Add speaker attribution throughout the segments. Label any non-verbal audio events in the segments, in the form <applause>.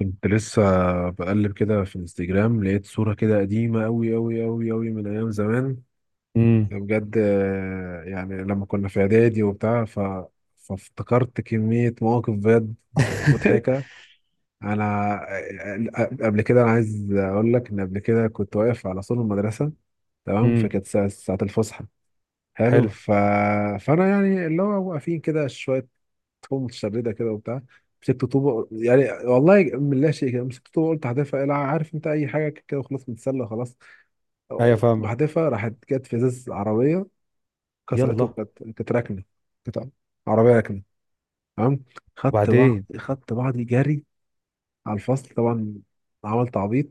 Speaker 1: كنت لسه بقلب كده في الانستجرام، لقيت صورة كده قديمة أوي أوي أوي أوي من أيام زمان
Speaker 2: امم
Speaker 1: بجد. يعني لما كنا في إعدادي وبتاع فافتكرت كمية مواقف بجد مضحكة.
Speaker 2: <laughs>
Speaker 1: أنا آه، آه، قبل كده أنا عايز أقول لك إن قبل كده كنت واقف على سور المدرسة، تمام،
Speaker 2: امم
Speaker 1: فكانت ساعة الفسحة. حلو.
Speaker 2: حلو.
Speaker 1: فانا يعني اللي هو واقفين كده شويه، تكون متشرده كده وبتاع، مسكت طوبه يعني، والله من لا شيء كده، مسكت طوبه قلت هحذفها عارف انت اي حاجه كده، وخلاص متسلى خلاص،
Speaker 2: ايوه، فاهمك.
Speaker 1: بحذفها، راحت جت في ازاز عربيه كسرته،
Speaker 2: يلا.
Speaker 1: وكانت راكنه، كانت عربيه راكنه، تمام،
Speaker 2: وبعدين؟
Speaker 1: خدت بعضي جري على الفصل طبعا، عملت عبيط.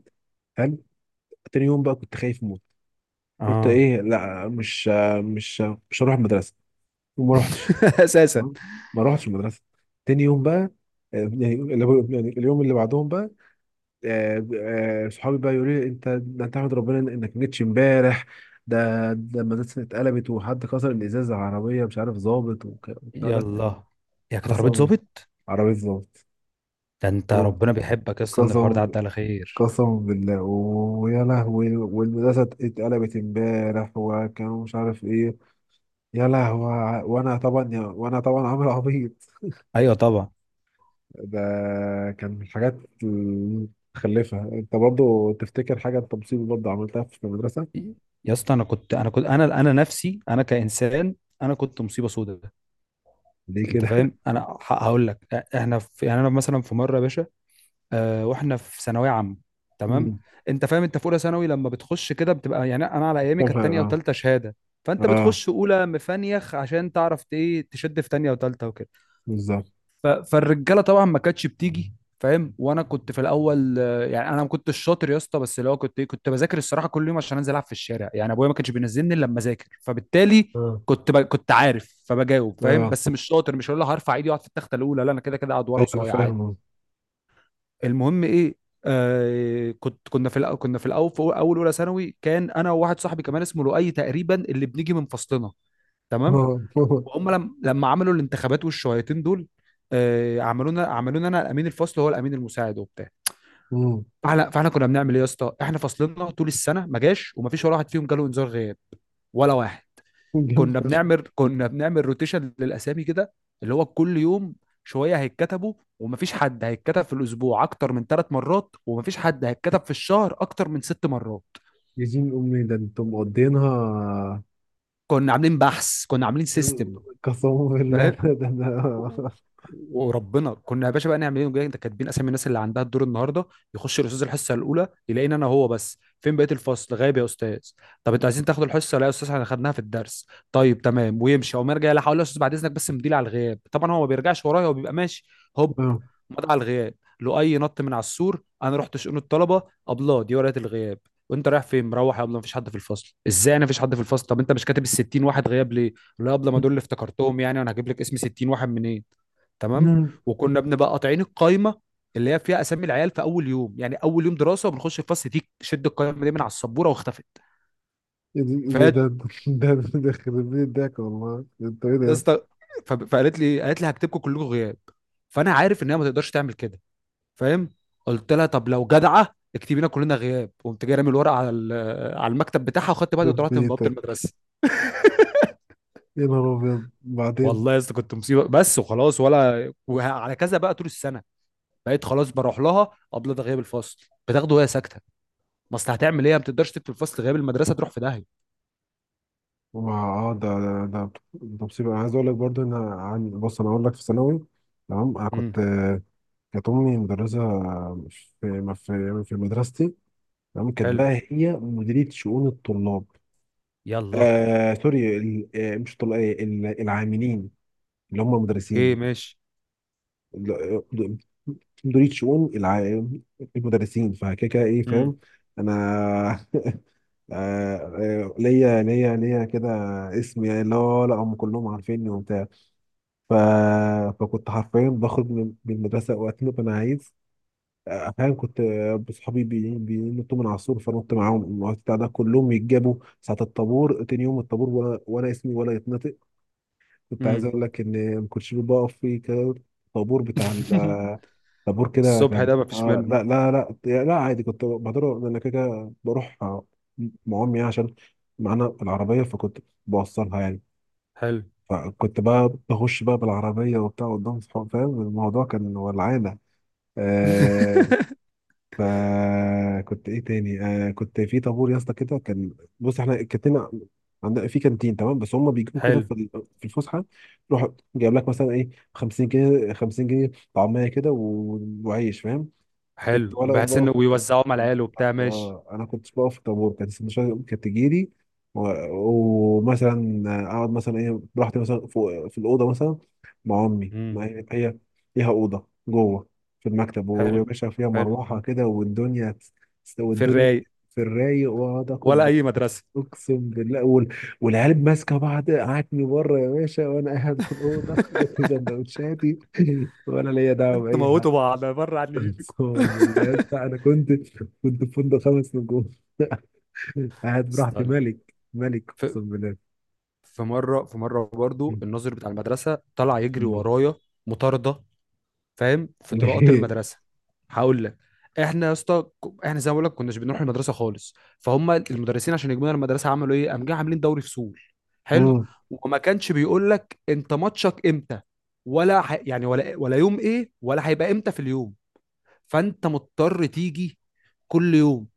Speaker 1: حلو. تاني يوم بقى كنت خايف موت، قلت
Speaker 2: اه.
Speaker 1: ايه، لا مش مش هروح المدرسه، وما رحتش.
Speaker 2: <laughs> اساسا.
Speaker 1: مم. ما روحتش المدرسه تاني يوم بقى، آه، يعني يعني اليوم اللي بعدهم بقى. آه، صحابي بقى يقولوا لي، انت ده انت احمد، ربنا انك ما جيتش امبارح، ده ده المدرسه اتقلبت، وحد كسر الازاز على عربيه مش عارف ظابط والبتاع ده.
Speaker 2: يلا. يا كانت عربية
Speaker 1: قسم.
Speaker 2: ظابط؟
Speaker 1: عربيه ظابط.
Speaker 2: ده انت ربنا بيحبك يا اسطى ان الحوار ده
Speaker 1: قسم.
Speaker 2: عدى على خير.
Speaker 1: قسم بالله، ويا لهوي، والمدرسه اتقلبت امبارح وكانوا مش عارف ايه، يا لهوي، وانا طبعا عامل عبيط.
Speaker 2: ايوه طبعا.
Speaker 1: ده كان من الحاجات المتخلفة. انت برضو تفتكر حاجة انت مصيبة برضو عملتها في المدرسة؟
Speaker 2: يا اسطى، انا كنت انا نفسي انا كانسان، انا كنت مصيبه سوداء.
Speaker 1: ليه
Speaker 2: انت
Speaker 1: كده؟
Speaker 2: فاهم، انا هقول لك، احنا في يعني انا مثلا في مره يا باشا، واحنا في ثانويه عامه.
Speaker 1: <laughs>
Speaker 2: تمام.
Speaker 1: مم.
Speaker 2: انت فاهم، انت في اولى ثانوي لما بتخش كده بتبقى يعني انا على ايامي
Speaker 1: فاهم
Speaker 2: كانت
Speaker 1: حاجة.
Speaker 2: تانية
Speaker 1: اه.
Speaker 2: وتالتة شهاده. فانت
Speaker 1: اه
Speaker 2: بتخش اولى مفنيخ عشان تعرف ايه تشد في تانية وتالتة وكده.
Speaker 1: بالظبط.
Speaker 2: فالرجاله طبعا ما كانتش بتيجي. فاهم، وانا كنت في الاول، يعني انا ما كنتش شاطر يا اسطى، بس اللي هو كنت بذاكر الصراحه كل يوم عشان انزل العب في الشارع، يعني ابويا ما كانش بينزلني الا لما اذاكر، فبالتالي
Speaker 1: اه،
Speaker 2: كنت عارف فبجاوب، فاهم؟
Speaker 1: اه،
Speaker 2: بس مش شاطر. مش هقول له هرفع ايدي واقعد في التخته الاولى، لا، انا كده كده اقعد ورا
Speaker 1: ايوه انا
Speaker 2: وصايع عادي.
Speaker 1: فاهم، اه.
Speaker 2: المهم ايه، كنت كنا في الأ- كنا في الاول، في اول اولى ثانوي، كان انا وواحد صاحبي كمان اسمه لؤي تقريبا اللي بنيجي من فصلنا. تمام.
Speaker 1: اه. آه.
Speaker 2: وهم لم لما عملوا الانتخابات والشويتين دول، عملونا انا امين الفصل وهو الامين المساعد وبتاع.
Speaker 1: مم.
Speaker 2: فاحنا كنا بنعمل ايه يا اسطى؟ احنا فصلنا طول السنه ما جاش، وما فيش ولا واحد فيهم جاله انذار غياب، ولا واحد.
Speaker 1: جامد
Speaker 2: كنا
Speaker 1: فشخ.
Speaker 2: بنعمل كنا بنعمل روتيشن للاسامي كده، اللي هو كل يوم شويه هيتكتبوا، ومفيش حد هيتكتب في الاسبوع اكتر من 3 مرات، ومفيش حد هيتكتب في الشهر اكتر من 6 مرات.
Speaker 1: يا دين امي، ده انتم مقضينها.
Speaker 2: كنا عاملين بحث، كنا عاملين سيستم.
Speaker 1: قسما بالله <laughs>
Speaker 2: و- وربنا كنا يا باشا بقى نعمل ايه، نقول لك ده كاتبين اسامي الناس اللي عندها الدور النهارده. يخش الاستاذ الحصه الاولى يلاقيني انا هو بس، فين بقيه الفصل غايب يا استاذ؟ طب انتوا عايزين تاخدوا الحصه؟ لا يا استاذ، احنا خدناها في الدرس. طيب تمام، ويمشي. او ما يرجع، لا هقول له يا استاذ بعد اذنك بس مديل على الغياب، طبعا هو ما بيرجعش ورايا، هو بيبقى ماشي. هوب،
Speaker 1: اه.
Speaker 2: مضى على الغياب. لؤي نط من على السور، انا رحت شؤون الطلبه: ابله دي ورقه الغياب. وانت رايح فين؟ مروح يا ابله، مفيش حد في الفصل. ازاي انا مفيش حد في الفصل؟ طب انت مش كاتب ال 60 واحد غياب ليه؟ لا قبل، ما دول اللي افتكرتهم، يعني انا هجيب لك اسم 60 واحد منين؟ تمام.
Speaker 1: مم.
Speaker 2: وكنا بنبقى قاطعين القايمه اللي هي فيها اسامي العيال في اول يوم، يعني اول يوم دراسه وبنخش الفصل دي شد القايمه دي من على السبوره واختفت.
Speaker 1: يا دين- ده ده
Speaker 2: فقالت،
Speaker 1: ده خرب بيت ضحك، والله انت ايه
Speaker 2: يا
Speaker 1: ده؟
Speaker 2: اسطى، فقالت لي، قالت لي هكتبكم كلكم غياب. فانا عارف ان هي ما تقدرش تعمل كده، فاهم؟ قلت لها طب لو جدعه اكتبي لنا كلنا غياب. قمت جاي رامي الورقه على على المكتب بتاعها، وخدت بعض
Speaker 1: يخرب
Speaker 2: وطلعت من بوابه
Speaker 1: بيتك.
Speaker 2: المدرسه.
Speaker 1: يا نهار ابيض. بعدين
Speaker 2: والله يا اسطى كنت مصيبه بس، وخلاص، ولا وعلى كذا بقى طول السنه. بقيت خلاص بروح لها قبل ده غياب الفصل، بتاخده وهي ساكته، ما اصل هتعمل ايه؟ ما بتقدرش تكتب الفصل غياب، المدرسه تروح في داهيه.
Speaker 1: ما اه، ده مصيبة. عايز اقول لك برضو ان بص، انا اقول لك في ثانوي، تمام، انا
Speaker 2: امم
Speaker 1: كنت، كانت امي مدرسة، في ما في في مدرستي، تمام، كانت
Speaker 2: حلو.
Speaker 1: بقى هي مديرية شؤون الطلاب.
Speaker 2: يلا.
Speaker 1: آه سوري، مش طلاب، العاملين اللي هم
Speaker 2: اوكي
Speaker 1: مدرسين،
Speaker 2: ماشي.
Speaker 1: مديرية شؤون المدرسين، فكده كده ايه،
Speaker 2: امم
Speaker 1: فاهم. انا آه، آه، ليا كده اسم يعني، لا لا، هم كلهم عارفيني وبتاع. ف... فكنت حرفيا بخرج من المدرسة وقت ما أنا عايز. أحيانا كنت بصحابي بينطوا من على السور، فنط معاهم، الوقت بتاع ده كلهم يتجابوا ساعة الطابور تاني يوم، الطابور ولا اسمي ولا يتنطق. كنت عايز
Speaker 2: امم.
Speaker 1: أقول لك إن ما كنتش بقف في كده، طابور بتاع
Speaker 2: <laughs>
Speaker 1: طابور كده
Speaker 2: الصبح
Speaker 1: كان،
Speaker 2: ده مفيش منه.
Speaker 1: لا، لا. لا لا عادي، كنت بقدر أنا كده كده بروح، مع أمي عشان معانا العربية، فكنت بوصلها يعني،
Speaker 2: حلو.
Speaker 1: فكنت بقى بخش بقى بالعربية وبتاع قدام صحابي، فاهم، الموضوع كان ولعانة. آه.
Speaker 2: <laughs>
Speaker 1: فكنت ايه تاني، كنت في طابور يا اسطى كده كان. بص، احنا كانتنا عندنا في كانتين، تمام، بس هم بيجيبوا كده
Speaker 2: حلو.
Speaker 1: في الفسحة، يروح جايب لك مثلا ايه 50 جنيه 50 جنيه طعمية كده وعيش، فاهم. كنت
Speaker 2: حلو،
Speaker 1: وانا
Speaker 2: بحيث
Speaker 1: بقف
Speaker 2: انه
Speaker 1: في الطابور،
Speaker 2: ويوزعوهم على العيال وبتاع، ماشي.
Speaker 1: اه انا كنت بقف في الطابور، كانت السندوتشات كانت تجيلي، ومثلا اقعد مثلا ايه براحتي مثلا فوق في الاوضه مثلا مع امي، ما
Speaker 2: امم
Speaker 1: هي هي ليها اوضه جوه في المكتب، ويا
Speaker 2: حلو.
Speaker 1: باشا فيها
Speaker 2: حلو.
Speaker 1: مروحه كده،
Speaker 2: في
Speaker 1: والدنيا
Speaker 2: الرايق.
Speaker 1: في الرايق، واقعد
Speaker 2: ولا
Speaker 1: اخد،
Speaker 2: اي مدرسه.
Speaker 1: اقسم بالله، والعيال ماسكه بعض قعدتني بره يا باشا، وانا قاعد في الاوضه <laughs>
Speaker 2: <laughs>
Speaker 1: جنب سندوتشاتي <laughs> ولا ليا دعوه
Speaker 2: انتوا
Speaker 1: باي
Speaker 2: موتوا
Speaker 1: حاجه.
Speaker 2: بعض بره عني بيكم.
Speaker 1: اقسم بالله يا
Speaker 2: <laughs>
Speaker 1: اسطى انا كنت في فندق خمس نجوم <laughs> قاعد براحتي،
Speaker 2: استنى،
Speaker 1: ملك ملك، اقسم بالله.
Speaker 2: في مره في مره برضو
Speaker 1: مم.
Speaker 2: الناظر بتاع المدرسه طلع يجري
Speaker 1: مم.
Speaker 2: ورايا، مطارده، فاهم؟ في طرقات
Speaker 1: <laughs>
Speaker 2: المدرسه. هقول لك، احنا يا اسطى، احنا زي ما بقول لك كناش بنروح المدرسه خالص، فهم المدرسين عشان يجيبونا المدرسه عملوا ايه؟ قام جاي عاملين دوري فصول. حلو.
Speaker 1: مم.
Speaker 2: وما كانش بيقول لك انت ماتشك امتى، ولا يعني ولا يوم ايه ولا هيبقى امتى في اليوم، فانت مضطر تيجي كل يوم.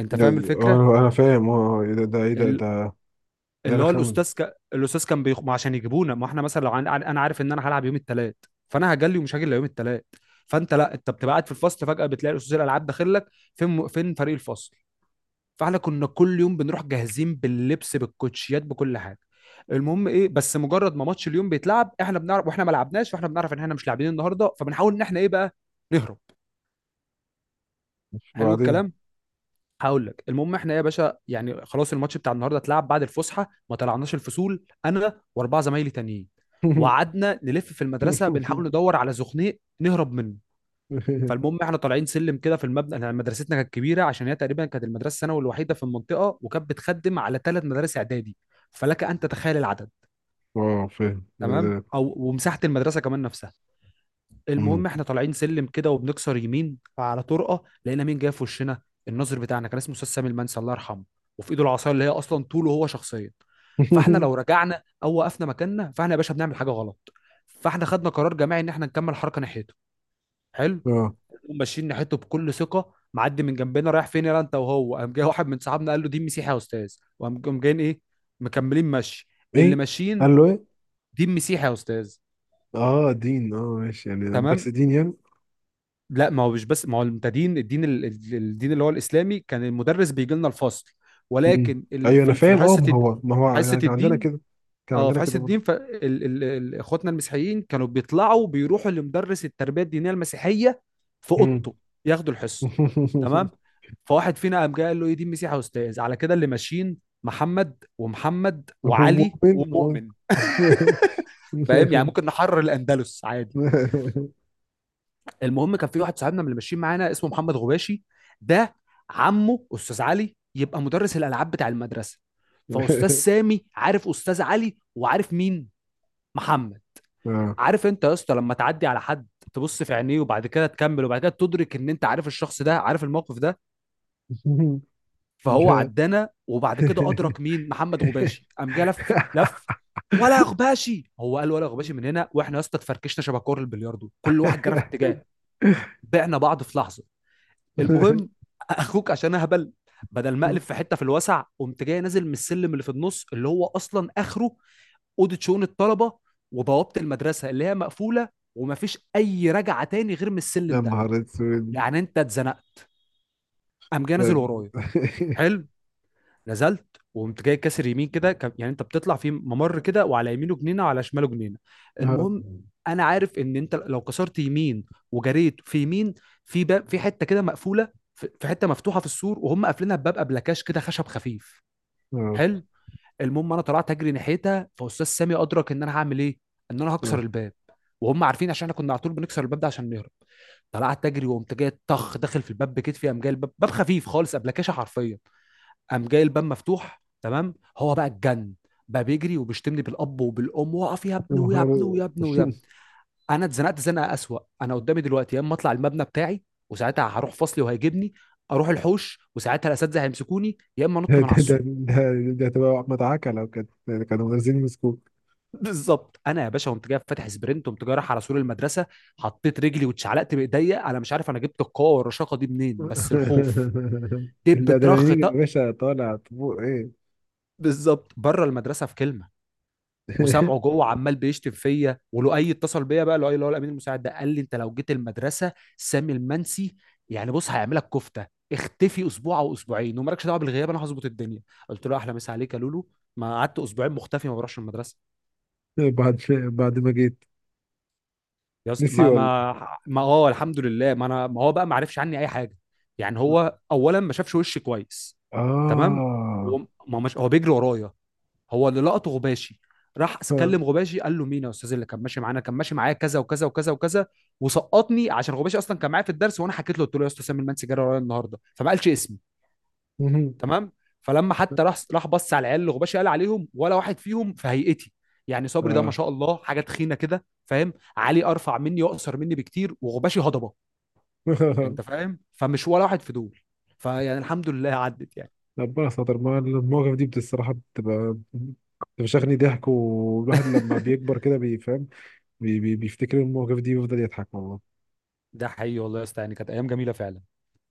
Speaker 2: انت فاهم الفكره؟
Speaker 1: انا فاهم، اه، إيه ده ده ايه ده
Speaker 2: ال-
Speaker 1: ده ده
Speaker 2: اللي هو
Speaker 1: رخم.
Speaker 2: الاستاذ الاستاذ كان ما عشان يجيبونا، ما احنا مثلا لو انا عارف ان انا هلعب يوم الثلاث، فانا هجلي ومش هاجي الا يوم الثلاث. فانت لا، انت بتبقى قاعد في الفصل، فجاه بتلاقي استاذ الالعاب داخل لك: فين فين فريق الفصل؟ فاحنا كنا كل يوم بنروح جاهزين باللبس بالكوتشيات بكل حاجه. المهم ايه، بس مجرد ما ماتش اليوم بيتلعب، احنا بنعرف، واحنا ما لعبناش واحنا بنعرف ان احنا مش لاعبين النهارده، فبنحاول ان احنا ايه بقى، نهرب. حلو
Speaker 1: وبعدين.
Speaker 2: الكلام. هقول لك، المهم، احنا يا باشا يعني خلاص الماتش بتاع النهارده اتلعب بعد الفسحه، ما طلعناش الفصول انا واربعه زمايلي تانيين، وقعدنا نلف في المدرسه
Speaker 1: <laughs>
Speaker 2: بنحاول ندور على زخنيق نهرب منه. فالمهم، احنا طالعين سلم كده في المبنى، احنا مدرستنا كانت كبيره عشان هي تقريبا كانت المدرسه الثانوي الوحيده في المنطقه، وكانت بتخدم على 3 مدارس اعدادي، فلك ان تتخيل العدد،
Speaker 1: اه، فاهم، ده
Speaker 2: تمام،
Speaker 1: ده
Speaker 2: او ومساحه المدرسه كمان نفسها.
Speaker 1: مم.
Speaker 2: المهم احنا طالعين سلم كده وبنكسر يمين، فعلى طرقه لقينا مين جاي في وشنا، الناظر بتاعنا كان اسمه استاذ سامي المنسي، الله يرحمه، وفي ايده العصايه اللي هي اصلا طوله هو شخصيا. فاحنا
Speaker 1: <laughs>
Speaker 2: لو رجعنا او وقفنا مكاننا فاحنا يا باشا بنعمل حاجه غلط، فاحنا خدنا قرار جماعي ان احنا نكمل حركه ناحيته. حلو.
Speaker 1: اه،
Speaker 2: نقوم ماشيين ناحيته بكل ثقه، معدي من جنبنا: رايح فين يا انت؟ وهو قام جاي واحد من صحابنا قال له دين مسيحي يا استاذ، وقام جايين ايه، مكملين مشي، اللي
Speaker 1: ايه،
Speaker 2: ماشيين،
Speaker 1: قال له ايه؟
Speaker 2: دين مسيحي يا استاذ.
Speaker 1: اه، دين، اه ماشي يعني،
Speaker 2: تمام.
Speaker 1: بس دين يعني.
Speaker 2: لا ما هو مش بس، ما هو انت دين الدين الدين اللي هو الاسلامي كان المدرس بيجي لنا الفصل،
Speaker 1: مم.
Speaker 2: ولكن
Speaker 1: ايوه انا
Speaker 2: في
Speaker 1: فاهم، اه،
Speaker 2: حصه
Speaker 1: ما هو ما هو
Speaker 2: حصه
Speaker 1: يعني، كان عندنا
Speaker 2: الدين،
Speaker 1: كده، كان
Speaker 2: اه، في
Speaker 1: عندنا
Speaker 2: حصه
Speaker 1: كده
Speaker 2: الدين
Speaker 1: برضه.
Speaker 2: اخواتنا المسيحيين كانوا بيطلعوا بيروحوا لمدرس التربيه الدينيه المسيحيه في
Speaker 1: مم.
Speaker 2: اوضته، ياخدوا الحصه. تمام.
Speaker 1: <laughs>
Speaker 2: فواحد فينا قام جاي قال له ايه، دين مسيحي يا استاذ، على كده اللي ماشيين محمد ومحمد
Speaker 1: هو
Speaker 2: وعلي
Speaker 1: مؤمن <laughs> هو.
Speaker 2: ومؤمن، فاهم يعني، ممكن نحرر الاندلس عادي. المهم، كان في واحد صاحبنا من اللي ماشيين معانا اسمه محمد غباشي، ده عمه استاذ علي يبقى مدرس الالعاب بتاع المدرسه. فاستاذ سامي عارف استاذ علي وعارف مين، محمد.
Speaker 1: آه.
Speaker 2: عارف انت يا اسطى لما تعدي على حد، تبص في عينيه وبعد كده تكمل، وبعد كده تدرك ان انت عارف الشخص ده، عارف الموقف ده. فهو
Speaker 1: لا.
Speaker 2: عدانا، وبعد كده ادرك مين محمد غباشي، قام جه لف لف. ولا غباشي، هو قال ولا غباشي من
Speaker 1: <laughs>
Speaker 2: هنا، واحنا يا اسطى اتفركشنا شبه كور البلياردو، كل واحد جرى في اتجاه، بعنا بعض في لحظه. المهم، اخوك عشان اهبل، بدل ما اقلب في حته في الوسع، قمت جاي نازل من السلم اللي في النص، اللي هو اصلا اخره اوضه شؤون الطلبه وبوابه المدرسه اللي هي مقفوله، ومفيش اي رجعه تاني غير من
Speaker 1: يا
Speaker 2: السلم ده،
Speaker 1: نهار اسود.
Speaker 2: يعني انت اتزنقت. قام جاي نازل
Speaker 1: لا.
Speaker 2: ورايا. حلو. نزلت، وقمت جاي كاسر يمين كده، يعني انت بتطلع في ممر كده، وعلى يمينه جنينه وعلى شماله جنينه.
Speaker 1: آه.
Speaker 2: المهم، انا عارف ان انت لو كسرت يمين وجريت في يمين في باب، في حته كده مقفوله، في حته مفتوحه في السور وهم قافلينها بباب ابلكاش كده خشب خفيف.
Speaker 1: آه.
Speaker 2: حلو. المهم انا طلعت اجري ناحيتها، فاستاذ سامي ادرك ان انا هعمل ايه، ان انا
Speaker 1: آه.
Speaker 2: هكسر الباب، وهم عارفين عشان احنا كنا على طول بنكسر الباب ده عشان نهرب. طلعت اجري وقمت جاي طخ داخل في الباب بكتفي، قام جاي الباب، باب خفيف خالص، ابلكاشه حرفيا. قام جاي الباب مفتوح تمام، هو بقى اتجن، بقى بيجري وبيشتمني بالاب وبالام، واقف يا
Speaker 1: يا
Speaker 2: ابني، ويا ابني،
Speaker 1: نهار
Speaker 2: ويا ابني، ويا
Speaker 1: اسود.
Speaker 2: ابني. انا اتزنقت زنقه اسوأ، انا قدامي دلوقتي يا اما اطلع المبنى بتاعي وساعتها هروح فصلي وهيجيبني، اروح الحوش وساعتها الاساتذه هيمسكوني، يا اما
Speaker 1: ده
Speaker 2: انط من على
Speaker 1: ده ده
Speaker 2: السور.
Speaker 1: ده تبقى احمد عكا، لو كانت كانوا منزلين مسكوك.
Speaker 2: بالظبط، انا يا باشا قمت جاي فاتح سبرنت، قمت جاي رايح على سور المدرسه، حطيت رجلي واتشعلقت بايديا، انا مش عارف انا جبت القوه والرشاقه دي منين، بس الخوف، دب ترخ
Speaker 1: الادرينالين يا
Speaker 2: طق،
Speaker 1: باشا طالع طبوع ايه.
Speaker 2: بالظبط بره المدرسه في كلمه. وسامعه
Speaker 1: <laughs>
Speaker 2: جوه عمال بيشتم فيا، ولؤي اتصل بيا بقى، لؤي اللي هو الامين المساعد ده، قال لي انت لو جيت المدرسه، سامي المنسي يعني بص هيعملك كفته، اختفي اسبوع او اسبوعين ومالكش دعوه بالغياب، انا هظبط الدنيا. قلت له احلى مسا عليك يا لولو. ما قعدت اسبوعين مختفي، ما بروحش المدرسه.
Speaker 1: بعد ما جيت،
Speaker 2: يا اسطى
Speaker 1: نسي
Speaker 2: ما
Speaker 1: ولا؟
Speaker 2: ما ما الحمد لله، ما انا ما هو بقى ما عرفش عني اي حاجه، يعني هو اولا ما شافش وشي كويس. تمام.
Speaker 1: اه.
Speaker 2: وما مش هو بيجري ورايا، هو اللي لقطه غباشي، راح
Speaker 1: آه.
Speaker 2: كلم غباشي، قال له مين يا استاذ اللي كان ماشي معايا كذا وكذا وكذا وكذا، وسقطني عشان غباشي اصلا كان معايا في الدرس، وانا حكيت له قلت له يا استاذ سامي المان سجاره ورايا النهارده، فما قالش اسمي.
Speaker 1: مهم.
Speaker 2: تمام. فلما حتى راح، بص على العيال اللي غباشي قال عليهم، ولا واحد فيهم في هيئتي. يعني صبري ده ما
Speaker 1: اه.
Speaker 2: شاء الله حاجه تخينه كده، فاهم، علي ارفع مني واقصر مني بكتير، وغباشي هضبه، انت
Speaker 1: <laughs>
Speaker 2: فاهم؟ فمش ولا واحد في دول، فيعني الحمد لله عدت يعني.
Speaker 1: ربنا ستر ما <laughs> المواقف دي الصراحه بتبقى بتفشخني ضحك، والواحد لما
Speaker 2: <laughs>
Speaker 1: بيكبر كده بيفهم، بي بي بيفتكر المواقف دي ويفضل يضحك والله.
Speaker 2: ده حقيقي، والله يا اسطى، يعني كانت ايام جميله فعلا.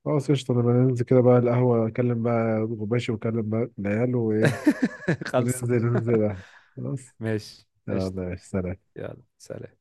Speaker 1: خلاص قشطة، أنا بننزل كده بقى القهوة، أكلم بقى غباشي وأكلم بقى العيال وإيه،
Speaker 2: <laughs> خلص.
Speaker 1: وننزل
Speaker 2: <laughs>
Speaker 1: القهوة. خلاص.
Speaker 2: ماشي قشطة.
Speaker 1: يلا يا سلام.
Speaker 2: يلا سلام.